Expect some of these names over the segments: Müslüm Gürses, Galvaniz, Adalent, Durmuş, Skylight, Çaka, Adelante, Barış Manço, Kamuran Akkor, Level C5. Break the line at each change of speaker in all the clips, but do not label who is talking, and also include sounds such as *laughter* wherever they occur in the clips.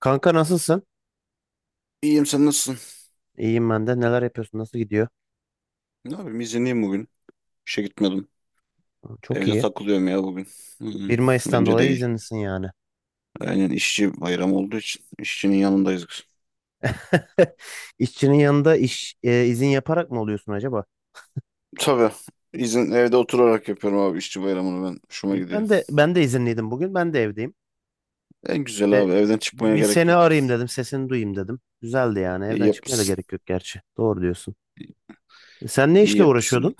Kanka nasılsın?
İyiyim, sen nasılsın?
İyiyim ben de. Neler yapıyorsun? Nasıl gidiyor?
Ne yapayım, izinliyim bugün. İşe gitmedim.
Çok
Evde
iyi.
takılıyorum ya bugün. Hı hı.
1 Mayıs'tan
Bence de
dolayı
iyi.
izinlisin yani.
Aynen, işçi bayramı olduğu için işçinin yanındayız biz.
*laughs* İşçinin yanında izin yaparak mı oluyorsun acaba?
Tabii. İzin evde oturarak yapıyorum abi işçi bayramını ben. Hoşuma
İyi.
gidiyor.
Ben de izinliydim bugün. Ben de evdeyim.
En güzel
İşte
abi, evden çıkmaya
bir
gerek
seni
yok.
arayayım dedim. Sesini duyayım dedim. Güzeldi yani.
İyi
Evden çıkmaya da
yapmışsın.
gerek yok gerçi. Doğru diyorsun. Sen ne
İyi
işle
yapmışsın.
uğraşıyordun?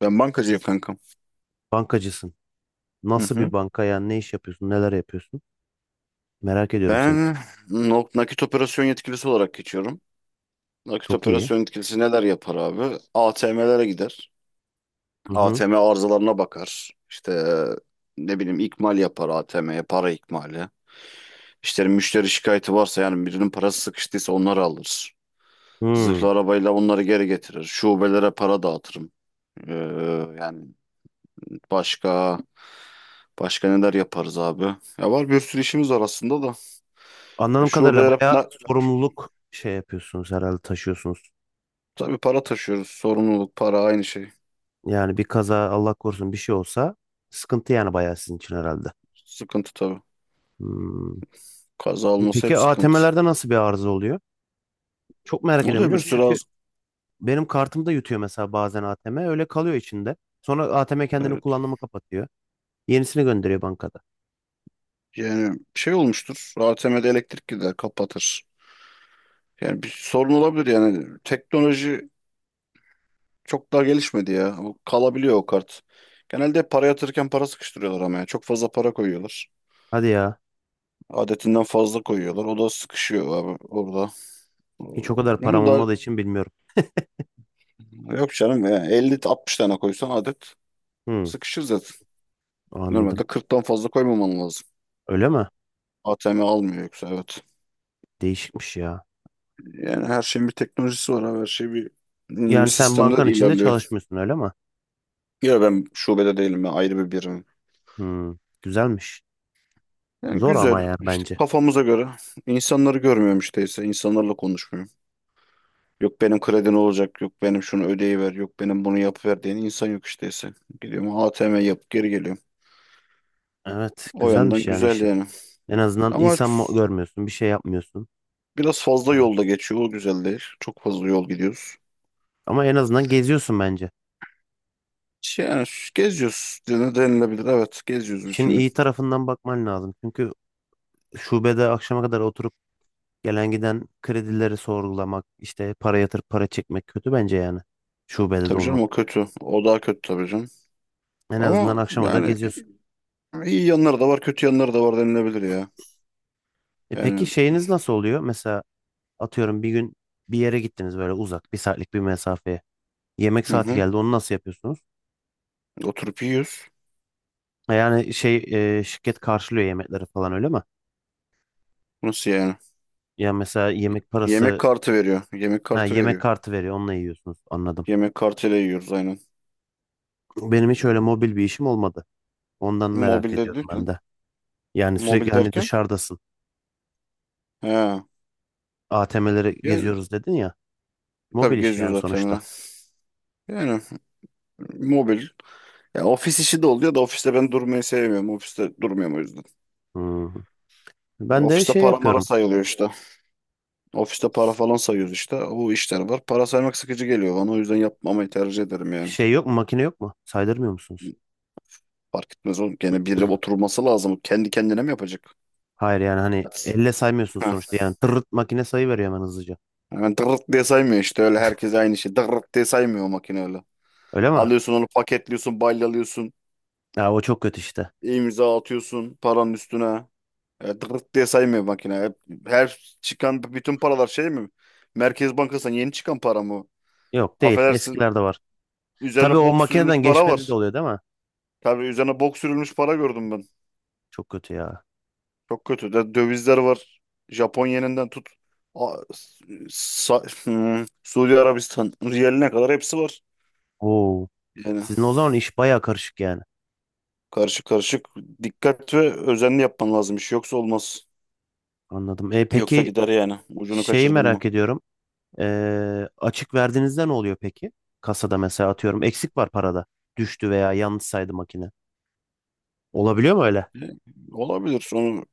Ben bankacıyım kankam.
Bankacısın.
Hı
Nasıl bir
hı.
banka yani? Ne iş yapıyorsun? Neler yapıyorsun? Merak ediyorum seni.
Ben nakit operasyon yetkilisi olarak geçiyorum. Nakit
Çok iyi.
operasyon yetkilisi neler yapar abi? ATM'lere gider.
Hı hı.
ATM arızalarına bakar. İşte, ne bileyim, ikmal yapar ATM'ye, para ikmali. İşte müşteri şikayeti varsa, yani birinin parası sıkıştıysa onları alır.
Hı.
Zırhlı arabayla onları geri getirir. Şubelere para dağıtırım. Ee, yani başka başka neler yaparız abi? Ya var, bir sürü işimiz var aslında da. Ya
Anladığım kadarıyla
şubelere
bayağı sorumluluk şey yapıyorsunuz herhalde taşıyorsunuz.
tabii para taşıyoruz. Sorumluluk, para aynı şey.
Yani bir kaza Allah korusun bir şey olsa sıkıntı yani bayağı sizin için herhalde.
Sıkıntı tabii.
Hmm.
Kaza olması hep
Peki
sıkıntı.
ATM'lerde nasıl bir arıza oluyor? Çok merak ediyorum
Oluyor
biliyor
bir
musun?
sürü
Çünkü
az.
benim kartımda yutuyor mesela bazen ATM öyle kalıyor içinde. Sonra ATM kendini
Evet.
kullanımı kapatıyor. Yenisini gönderiyor bankada.
Yani şey olmuştur, ATM'de elektrik gider, kapatır. Yani bir sorun olabilir yani. Teknoloji çok daha gelişmedi ya. Bu kalabiliyor o kart. Genelde para yatırırken para sıkıştırıyorlar ama ya. Çok fazla para koyuyorlar.
Hadi ya.
Adetinden fazla koyuyorlar. O da sıkışıyor abi orada.
Hiç o kadar param
Ama da
olmadığı için bilmiyorum.
yok canım ya. 50-60 tane koysan adet
Hmm,
sıkışır zaten.
anladım.
Normalde 40'tan fazla koymaman lazım.
Öyle mi?
ATM almıyor yoksa, evet.
Değişikmiş ya.
Yani her şeyin bir teknolojisi var abi. Her şey bir
Yani sen
sistemde
bankan içinde
ilerliyor.
çalışmıyorsun öyle mi?
Ya ben şubede değilim ya, ayrı bir birim.
Hmm, güzelmiş.
Yani
Zor ama
güzel
ya
işte,
bence.
kafamıza göre insanları görmüyorum işte ise, insanlarla konuşmuyorum. Yok benim kredin olacak, yok benim şunu ödeyiver, yok benim bunu yapıver diyen insan yok işte ise. Gidiyorum ATM yap geri geliyorum.
Evet,
O yandan
güzelmiş yani
güzel
işin.
yani.
En azından
Ama
insan mı görmüyorsun, bir şey yapmıyorsun.
biraz fazla
Yani.
yolda geçiyor, o güzel değil. Çok fazla yol gidiyoruz.
Ama en azından geziyorsun bence.
İşte, yani geziyoruz, denilebilir, evet, geziyoruz
İşin
bütün gün.
iyi tarafından bakman lazım. Çünkü şubede akşama kadar oturup gelen giden kredileri sorgulamak, işte para yatırıp para çekmek kötü bence yani. Şubede de
Tabii canım,
olmak.
o kötü, o daha kötü tabii canım.
En azından
Ama
akşama kadar
yani,
geziyorsun.
iyi yanları da var, kötü yanları da var denilebilir ya.
Peki
Yani.
şeyiniz nasıl oluyor? Mesela atıyorum bir gün bir yere gittiniz böyle uzak, bir saatlik bir mesafeye. Yemek
Hı
saati
hı.
geldi, onu nasıl yapıyorsunuz?
Oturup yiyoruz.
Yani şey şirket karşılıyor yemekleri falan öyle mi?
Nasıl yani?
Yani mesela
Y-
yemek
Yemek
parası,
kartı veriyor. Yemek
ha,
kartı
yemek
veriyor.
kartı veriyor onunla yiyorsunuz anladım.
Yemek kartıyla yiyoruz aynen.
Benim hiç öyle mobil bir işim olmadı. Ondan merak
Mobilde
ediyorum ben
derken?
de. Yani sürekli
Mobil
hani
derken?
dışarıdasın.
He.
ATM'leri
Yani
geziyoruz dedin ya.
tabii
Mobil iş
geziyor
yani
zaten ya.
sonuçta.
Yani mobil. Ya ofis işi de oluyor da ofiste ben durmayı sevmiyorum. Ofiste durmuyorum o yüzden.
Hmm.
Ya
Ben de
ofiste
şey
para mara
yapıyorum.
sayılıyor işte. Ofiste para falan sayıyoruz işte. Bu işler var. Para saymak sıkıcı geliyor bana. O yüzden yapmamayı tercih ederim yani.
Şey yok mu makine yok mu? Saydırmıyor musunuz?
Fark etmez oğlum. Gene biri oturması lazım. Kendi kendine mi yapacak?
Hayır yani hani
Evet.
elle saymıyorsunuz sonuçta. Yani tırırt makine sayı veriyor hemen hızlıca.
Yani dırırt diye saymıyor işte öyle herkes aynı şey. Dırırt diye saymıyor o makine öyle.
Öyle mi?
Alıyorsun onu paketliyorsun, balyalıyorsun,
Ya o çok kötü işte.
imza atıyorsun paranın üstüne. Dırırt diye saymıyor makine. Her çıkan bütün paralar şey mi? Merkez Bankası'ndan yeni çıkan para mı?
Yok değil.
Affedersin,
Eskilerde var. Tabii
üzerine
o
bok sürülmüş
makineden
para
geçmedi de
var.
oluyor değil mi?
Tabii üzerine bok sürülmüş para gördüm ben.
Çok kötü ya.
Çok kötü. De, dövizler var. Japon yeninden tut. A- *laughs* Suudi Arabistan riyaline kadar hepsi var.
Oo.
Yani
Sizin o zaman iş baya karışık yani.
karışık karışık. Dikkat ve özenli yapman lazım iş. Yoksa olmaz.
Anladım. E,
Yoksa
peki
gider yani. Ucunu
şeyi
kaçırdın mı?
merak ediyorum. Açık verdiğinizde ne oluyor peki? Kasada mesela atıyorum eksik var parada. Düştü veya yanlış saydı makine. Olabiliyor mu öyle?
E, Olabilir. Sonra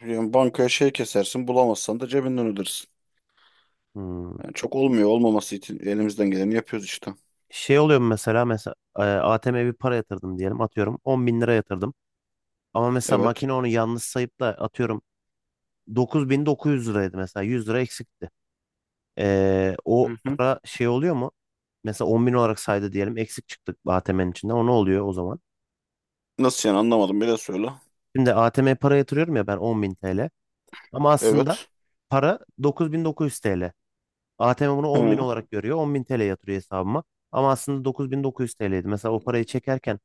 yani bankaya şey kesersin. Bulamazsan da cebinden ödersin.
Hmm.
Yani çok olmuyor. Olmaması için elimizden geleni yapıyoruz işte.
Şey oluyor mu mesela ATM'ye bir para yatırdım diyelim atıyorum 10 bin lira yatırdım. Ama mesela
Evet.
makine onu yanlış sayıp da atıyorum 9.900 liraydı mesela 100 lira eksikti. O
Hı hı.
para şey oluyor mu? Mesela 10 bin olarak saydı diyelim. Eksik çıktık ATM'nin içinden. O ne oluyor o zaman?
Nasıl yani, anlamadım. Bir de söyle.
Şimdi ATM'ye para yatırıyorum ya ben 10 bin TL. Ama aslında
Evet.
para 9900 TL. ATM bunu 10 bin
Hı.
olarak görüyor. 10 bin TL yatırıyor hesabıma. Ama aslında 9900 TL'ydi. Mesela o parayı çekerken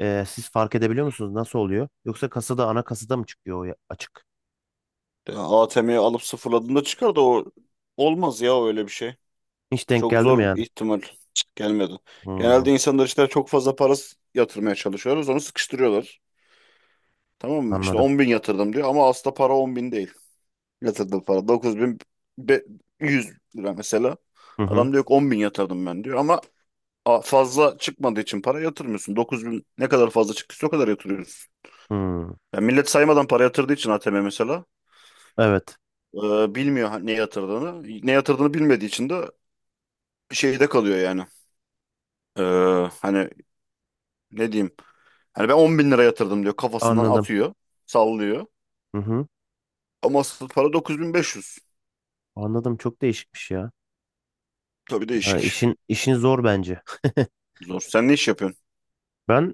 siz fark edebiliyor musunuz? Nasıl oluyor? Yoksa kasada ana kasada mı çıkıyor o açık?
ATM'yi alıp sıfırladığında çıkar da o, olmaz ya öyle bir şey.
Hiç denk
Çok
geldi mi
zor
yani?
ihtimal. Cık, gelmedi.
Hmm,
Genelde insanlar işte çok fazla para yatırmaya çalışıyoruz. Onu sıkıştırıyorlar. Tamam mı? İşte
anladım.
10 bin yatırdım diyor ama aslında para 10 bin değil. Yatırdığı para 9 bin 100 lira mesela.
Hı hı.
Adam diyor ki 10 bin yatırdım ben, diyor ama fazla çıkmadığı için para yatırmıyorsun. 9 bin, ne kadar fazla çıktıysa o kadar yatırıyorsun.
Hı.
Yani millet saymadan para yatırdığı için ATM mesela
Evet.
bilmiyor ne yatırdığını. Ne yatırdığını bilmediği için de şeyde kalıyor yani. E, hani ne diyeyim? Hani ben 10 bin lira yatırdım diyor, kafasından
Anladım.
atıyor, sallıyor.
Hı hı.
Ama asıl para 9.500.
Anladım. Çok değişikmiş ya.
Tabii
Ha,
değişik.
işin zor bence. *laughs*
Zor. Sen ne iş yapıyorsun?
Ben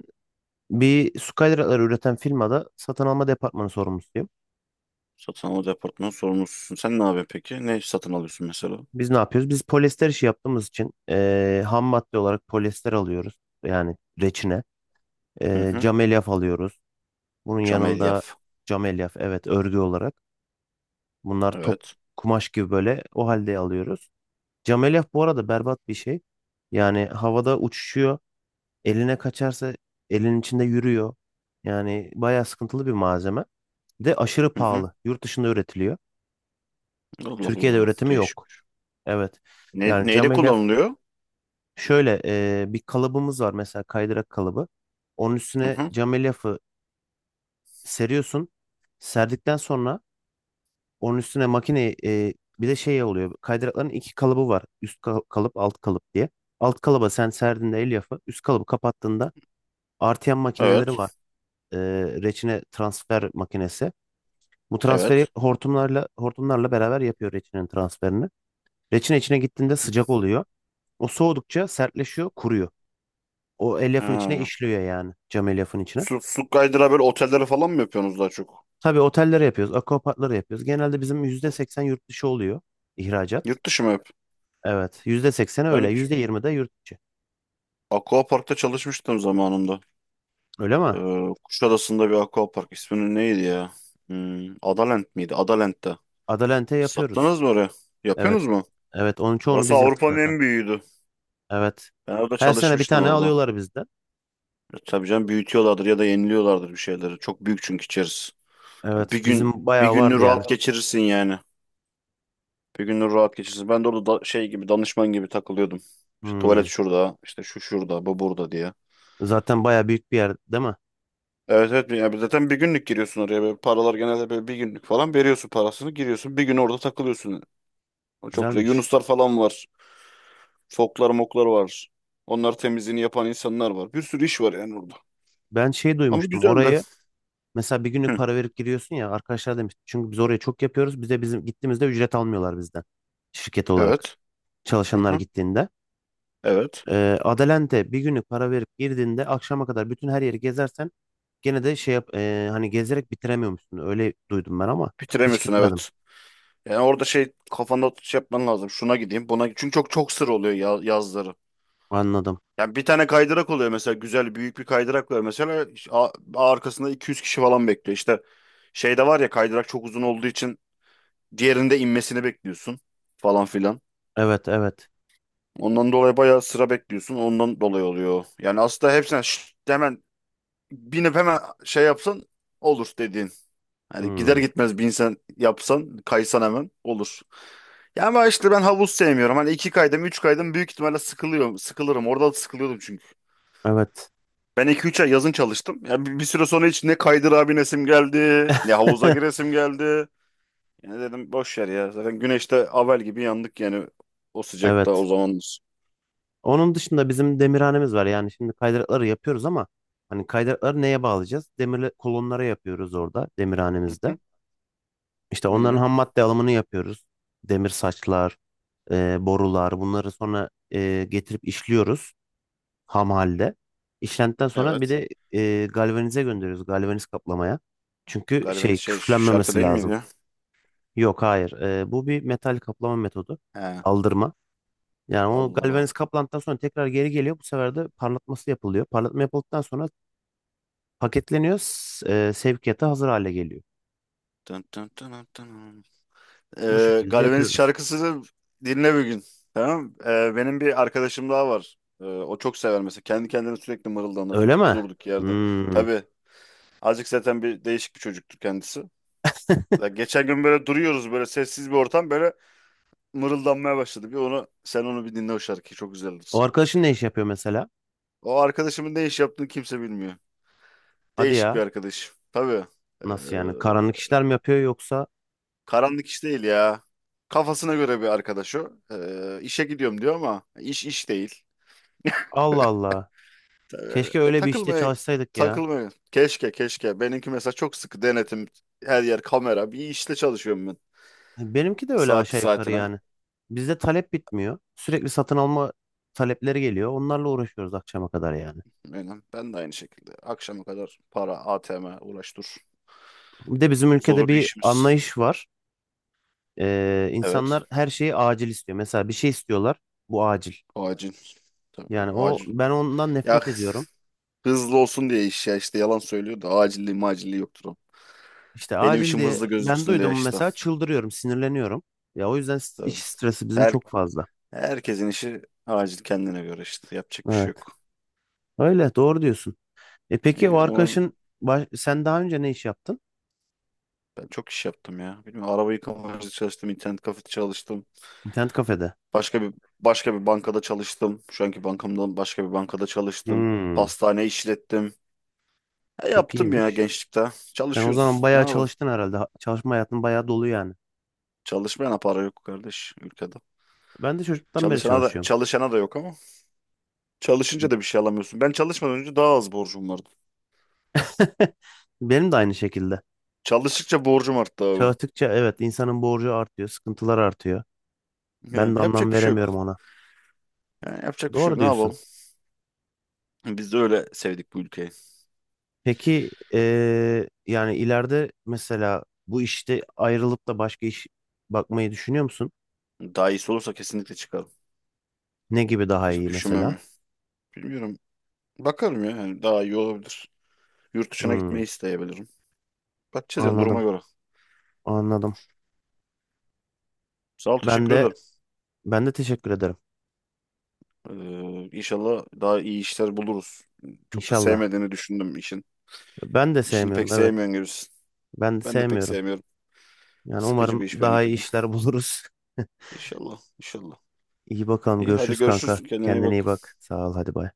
bir Skylight'ları üreten firmada satın alma departmanı sorumlusuyum.
Satın alma departmanı sorumlususun. Sen ne yapıyorsun peki? Ne satın alıyorsun mesela?
Biz ne yapıyoruz? Biz polyester işi yaptığımız için ham madde olarak polyester alıyoruz. Yani reçine.
Hı
Eee
hı.
cam elyaf alıyoruz. Bunun
Cam
yanında
elyaf.
cam elyaf evet örgü olarak. Bunlar top
Evet.
kumaş gibi böyle o halde alıyoruz. Cam elyaf bu arada berbat bir şey. Yani havada uçuşuyor. Eline kaçarsa elin içinde yürüyor. Yani bayağı sıkıntılı bir malzeme. Bir de aşırı
Hı hı.
pahalı. Yurt dışında üretiliyor.
Allah
Türkiye'de
Allah.
üretimi
Değişik.
yok. Evet.
Ne,
Yani cam
neyle
elyaf
kullanılıyor?
şöyle bir kalıbımız var mesela kaydırak kalıbı. Onun
Hı
üstüne
hı.
cam elyafı seriyorsun. Serdikten sonra onun üstüne makineyi bir de şey oluyor. Kaydırakların iki kalıbı var. Üst kalıp, alt kalıp diye. Alt kalıba sen serdiğinde elyafı, üst kalıbı kapattığında artıyan makineleri var.
Evet.
e, reçine transfer makinesi. Bu transferi
Evet.
hortumlarla beraber yapıyor reçinenin transferini. Reçine içine
Hı
gittiğinde
hı.
sıcak oluyor. O soğudukça sertleşiyor, kuruyor. O elyafın içine
Ha.
işliyor yani cam elyafın içine.
Su kaydıra böyle otelleri falan mı yapıyorsunuz daha çok?
Tabii otellere yapıyoruz, akvaparklara yapıyoruz. Genelde bizim %80 yurt dışı oluyor ihracat.
Yurt dışı mı hep?
Evet, %80 öyle,
Ben
%20 de yurt içi.
Aquapark'ta çalışmıştım zamanında.
Öyle mi?
Kuşadası'nda bir Aquapark. İsminin neydi ya? Adalent miydi? Adalent'te.
Adalente yapıyoruz.
Sattınız mı oraya?
Evet,
Yapıyorsunuz mu?
evet onun çoğunu
Orası
biz yaptık
Avrupa'nın
zaten.
en büyüğüydü.
Evet.
Ben orada
Her sene bir
çalışmıştım
tane
orada.
alıyorlar bizden.
Tabii canım, büyütüyorlardır ya da yeniliyorlardır bir şeyleri. Çok büyük çünkü içerisi. Ya
Evet, bizim
Bir
bayağı vardı
gününü
yani.
rahat geçirirsin yani. Bir gününü rahat geçirirsin. Ben de orada şey gibi danışman gibi takılıyordum. İşte
Hmm.
tuvalet şurada, işte şu şurada, bu burada diye.
Zaten baya büyük bir yer değil mi?
Evet evet, yani zaten bir günlük giriyorsun oraya. Böyle paralar genelde böyle bir günlük falan veriyorsun parasını, giriyorsun. Bir gün orada takılıyorsun. O çok güzel.
Güzelmiş.
Yunuslar falan var. Foklar moklar var. Onlar, temizliğini yapan insanlar var. Bir sürü iş var yani orada.
Ben şey
Ama
duymuştum
güzeldi.
orayı mesela bir günlük
Hı.
para verip giriyorsun ya arkadaşlar demiş. Çünkü biz oraya çok yapıyoruz. Bize bizim gittiğimizde ücret almıyorlar bizden. Şirket olarak
Evet. Hı
çalışanlar
hı.
gittiğinde.
Evet.
Adelante bir günlük para verip girdiğinde akşama kadar bütün her yeri gezersen gene de şey yap hani gezerek bitiremiyormuşsun. Öyle duydum ben ama hiç
Bitiremiyorsun,
gitmedim.
evet. Yani orada şey, kafanda şey yapman lazım. Şuna gideyim, buna gideyim. Çünkü çok çok sır oluyor ya, yazları.
Anladım.
Yani bir tane kaydırak oluyor mesela, güzel büyük bir kaydırak var mesela arkasında 200 kişi falan bekliyor. İşte şeyde var ya, kaydırak çok uzun olduğu için diğerinde inmesini bekliyorsun falan filan.
Evet evet.
Ondan dolayı bayağı sıra bekliyorsun. Ondan dolayı oluyor. Yani aslında hepsine şşt, hemen binip hemen şey yapsan olur dediğin. Hani gider
Hmm,
gitmez bir insan yapsan kaysan hemen olur. Ya ama işte ben havuz sevmiyorum. Hani iki kaydım, üç kaydım büyük ihtimalle sıkılıyorum. Sıkılırım. Orada da sıkılıyordum çünkü.
evet.
Ben iki üç ay yazın çalıştım. Ya bir süre sonra hiç ne kaydır abi nesim geldi, ne havuza
*laughs*
giresim geldi. Yani dedim boş ver ya. Zaten güneşte avel gibi yandık yani o sıcakta o
Evet.
zamanlar.
Onun dışında bizim demirhanemiz var. Yani şimdi kaydırakları yapıyoruz ama hani kaydırakları neye bağlayacağız? Demir kolonlara yapıyoruz orada
Hı
demirhanemizde.
hı.
İşte onların
İyi.
ham madde alımını yapıyoruz. Demir saçlar, borular bunları sonra getirip işliyoruz ham halde. İşlendikten sonra bir
Evet.
de galvanize gönderiyoruz galvaniz kaplamaya. Çünkü
Galibiniz
şey
şey şarkı
küflenmemesi
değil miydi
lazım.
ya?
Yok, hayır. Bu bir metal kaplama metodu.
He.
Aldırma. Yani o
Allah Allah.
galvaniz kaplandıktan sonra tekrar geri geliyor. Bu sefer de parlatması yapılıyor. Parlatma yapıldıktan sonra paketleniyor. Sevkiyata hazır hale geliyor.
Dın dın dın dın dın.
Bu şekilde
Galvaniz
yapıyoruz.
şarkısını dinle bir gün. Tamam. Benim bir arkadaşım daha var. O çok sever mesela. Kendi kendine sürekli mırıldanır.
Öyle mi?
Durduk yerde.
Hmm.
Tabii. Azıcık zaten, bir değişik bir çocuktur kendisi. Ya
*laughs*
geçen gün böyle duruyoruz, böyle sessiz bir ortam, böyle mırıldanmaya başladı. Bir onu sen, onu bir dinle o şarkıyı, çok
O
güzeldir.
arkadaşın ne iş yapıyor mesela?
O arkadaşımın ne iş yaptığını kimse bilmiyor.
Hadi
Değişik bir
ya.
arkadaş. Tabii. Ee,
Nasıl yani? Karanlık işler mi yapıyor yoksa?
karanlık iş değil ya. Kafasına göre bir arkadaş o. İşe gidiyorum diyor ama iş iş değil.
Allah Allah.
Öyle.
Keşke öyle bir işte
Takılmaya
çalışsaydık ya.
takılmaya. Keşke keşke. Benimki mesela çok sıkı denetim. Her yer kamera. Bir işte çalışıyorum ben.
Benimki de öyle
Saati
aşağı yukarı
saatine.
yani. Bizde talep bitmiyor. Sürekli satın alma talepleri geliyor. Onlarla uğraşıyoruz akşama kadar yani.
Benim. Ben de aynı şekilde. Akşama kadar para, ATM uğraş dur.
Bir de bizim ülkede
Zor bir
bir
işimiz.
anlayış var.
Evet.
İnsanlar her şeyi acil istiyor. Mesela bir şey istiyorlar. Bu acil.
Acil. Tabii,
Yani o
acil.
ben ondan
Ya
nefret ediyorum.
hızlı olsun diye iş, ya işte yalan söylüyor da acilliği macilliği yoktur o.
İşte
Benim
acil
işim
diye
hızlı
ben
gözüksün diye
duydum
işte.
mesela çıldırıyorum, sinirleniyorum. Ya o yüzden iş
Tabii.
stresi bizim
Her,
çok fazla.
herkesin işi acil kendine göre işte. Yapacak bir şey
Evet.
yok.
Öyle doğru diyorsun. Peki o
İyi, umarım.
arkadaşın sen daha önce ne iş yaptın?
Ben çok iş yaptım ya. Bilmiyorum, araba yıkama çalıştım, internet kafede çalıştım.
İnternet kafede.
Başka bir başka bir bankada çalıştım. Şu anki bankamdan başka bir bankada çalıştım.
Hmm,
Pastane işlettim. E,
çok
yaptım ya
iyiymiş.
gençlikte.
Sen o
Çalışıyoruz.
zaman
Ne
bayağı
yapalım?
çalıştın herhalde. Çalışma hayatın bayağı dolu yani.
Çalışmayana para yok kardeş ülkede.
Ben de çocuktan beri
Çalışana da
çalışıyorum.
çalışana da yok ama. Çalışınca da bir şey alamıyorsun. Ben çalışmadan önce daha az borcum vardı.
*laughs* Benim de aynı şekilde.
Çalıştıkça borcum arttı abi.
Çalıştıkça evet insanın borcu artıyor, sıkıntılar artıyor. Ben
Yani
de
yapacak
anlam
bir şey yok.
veremiyorum ona.
Yani yapacak bir şey
Doğru
yok. Ne
diyorsun.
yapalım? Biz de öyle sevdik bu ülkeyi.
Peki yani ileride mesela bu işte ayrılıp da başka iş bakmayı düşünüyor musun?
Daha iyisi olursa kesinlikle çıkarım.
Ne gibi daha
Hiç
iyi mesela?
düşünmem. Bilmiyorum. Bakalım ya. Yani daha iyi olabilir. Yurt dışına gitmeyi
Hmm,
isteyebilirim. Bakacağız yani duruma
anladım,
göre.
anladım.
Sağ ol,
Ben
teşekkür
de
ederim.
ben de teşekkür ederim.
İnşallah daha iyi işler buluruz. Çok da
İnşallah.
sevmediğini düşündüm işin.
Ben de
İşini pek
sevmiyorum, evet.
sevmiyorsun gibisin.
Ben de
Ben de pek
sevmiyorum.
sevmiyorum.
Yani
Sıkıcı
umarım
bir iş
daha iyi
benimki de.
işler buluruz. *laughs*
İnşallah, inşallah.
İyi bakalım,
İyi hadi
görüşürüz kanka.
görüşürüz. Kendine iyi
Kendine
bak.
iyi bak. Sağ ol, hadi bay.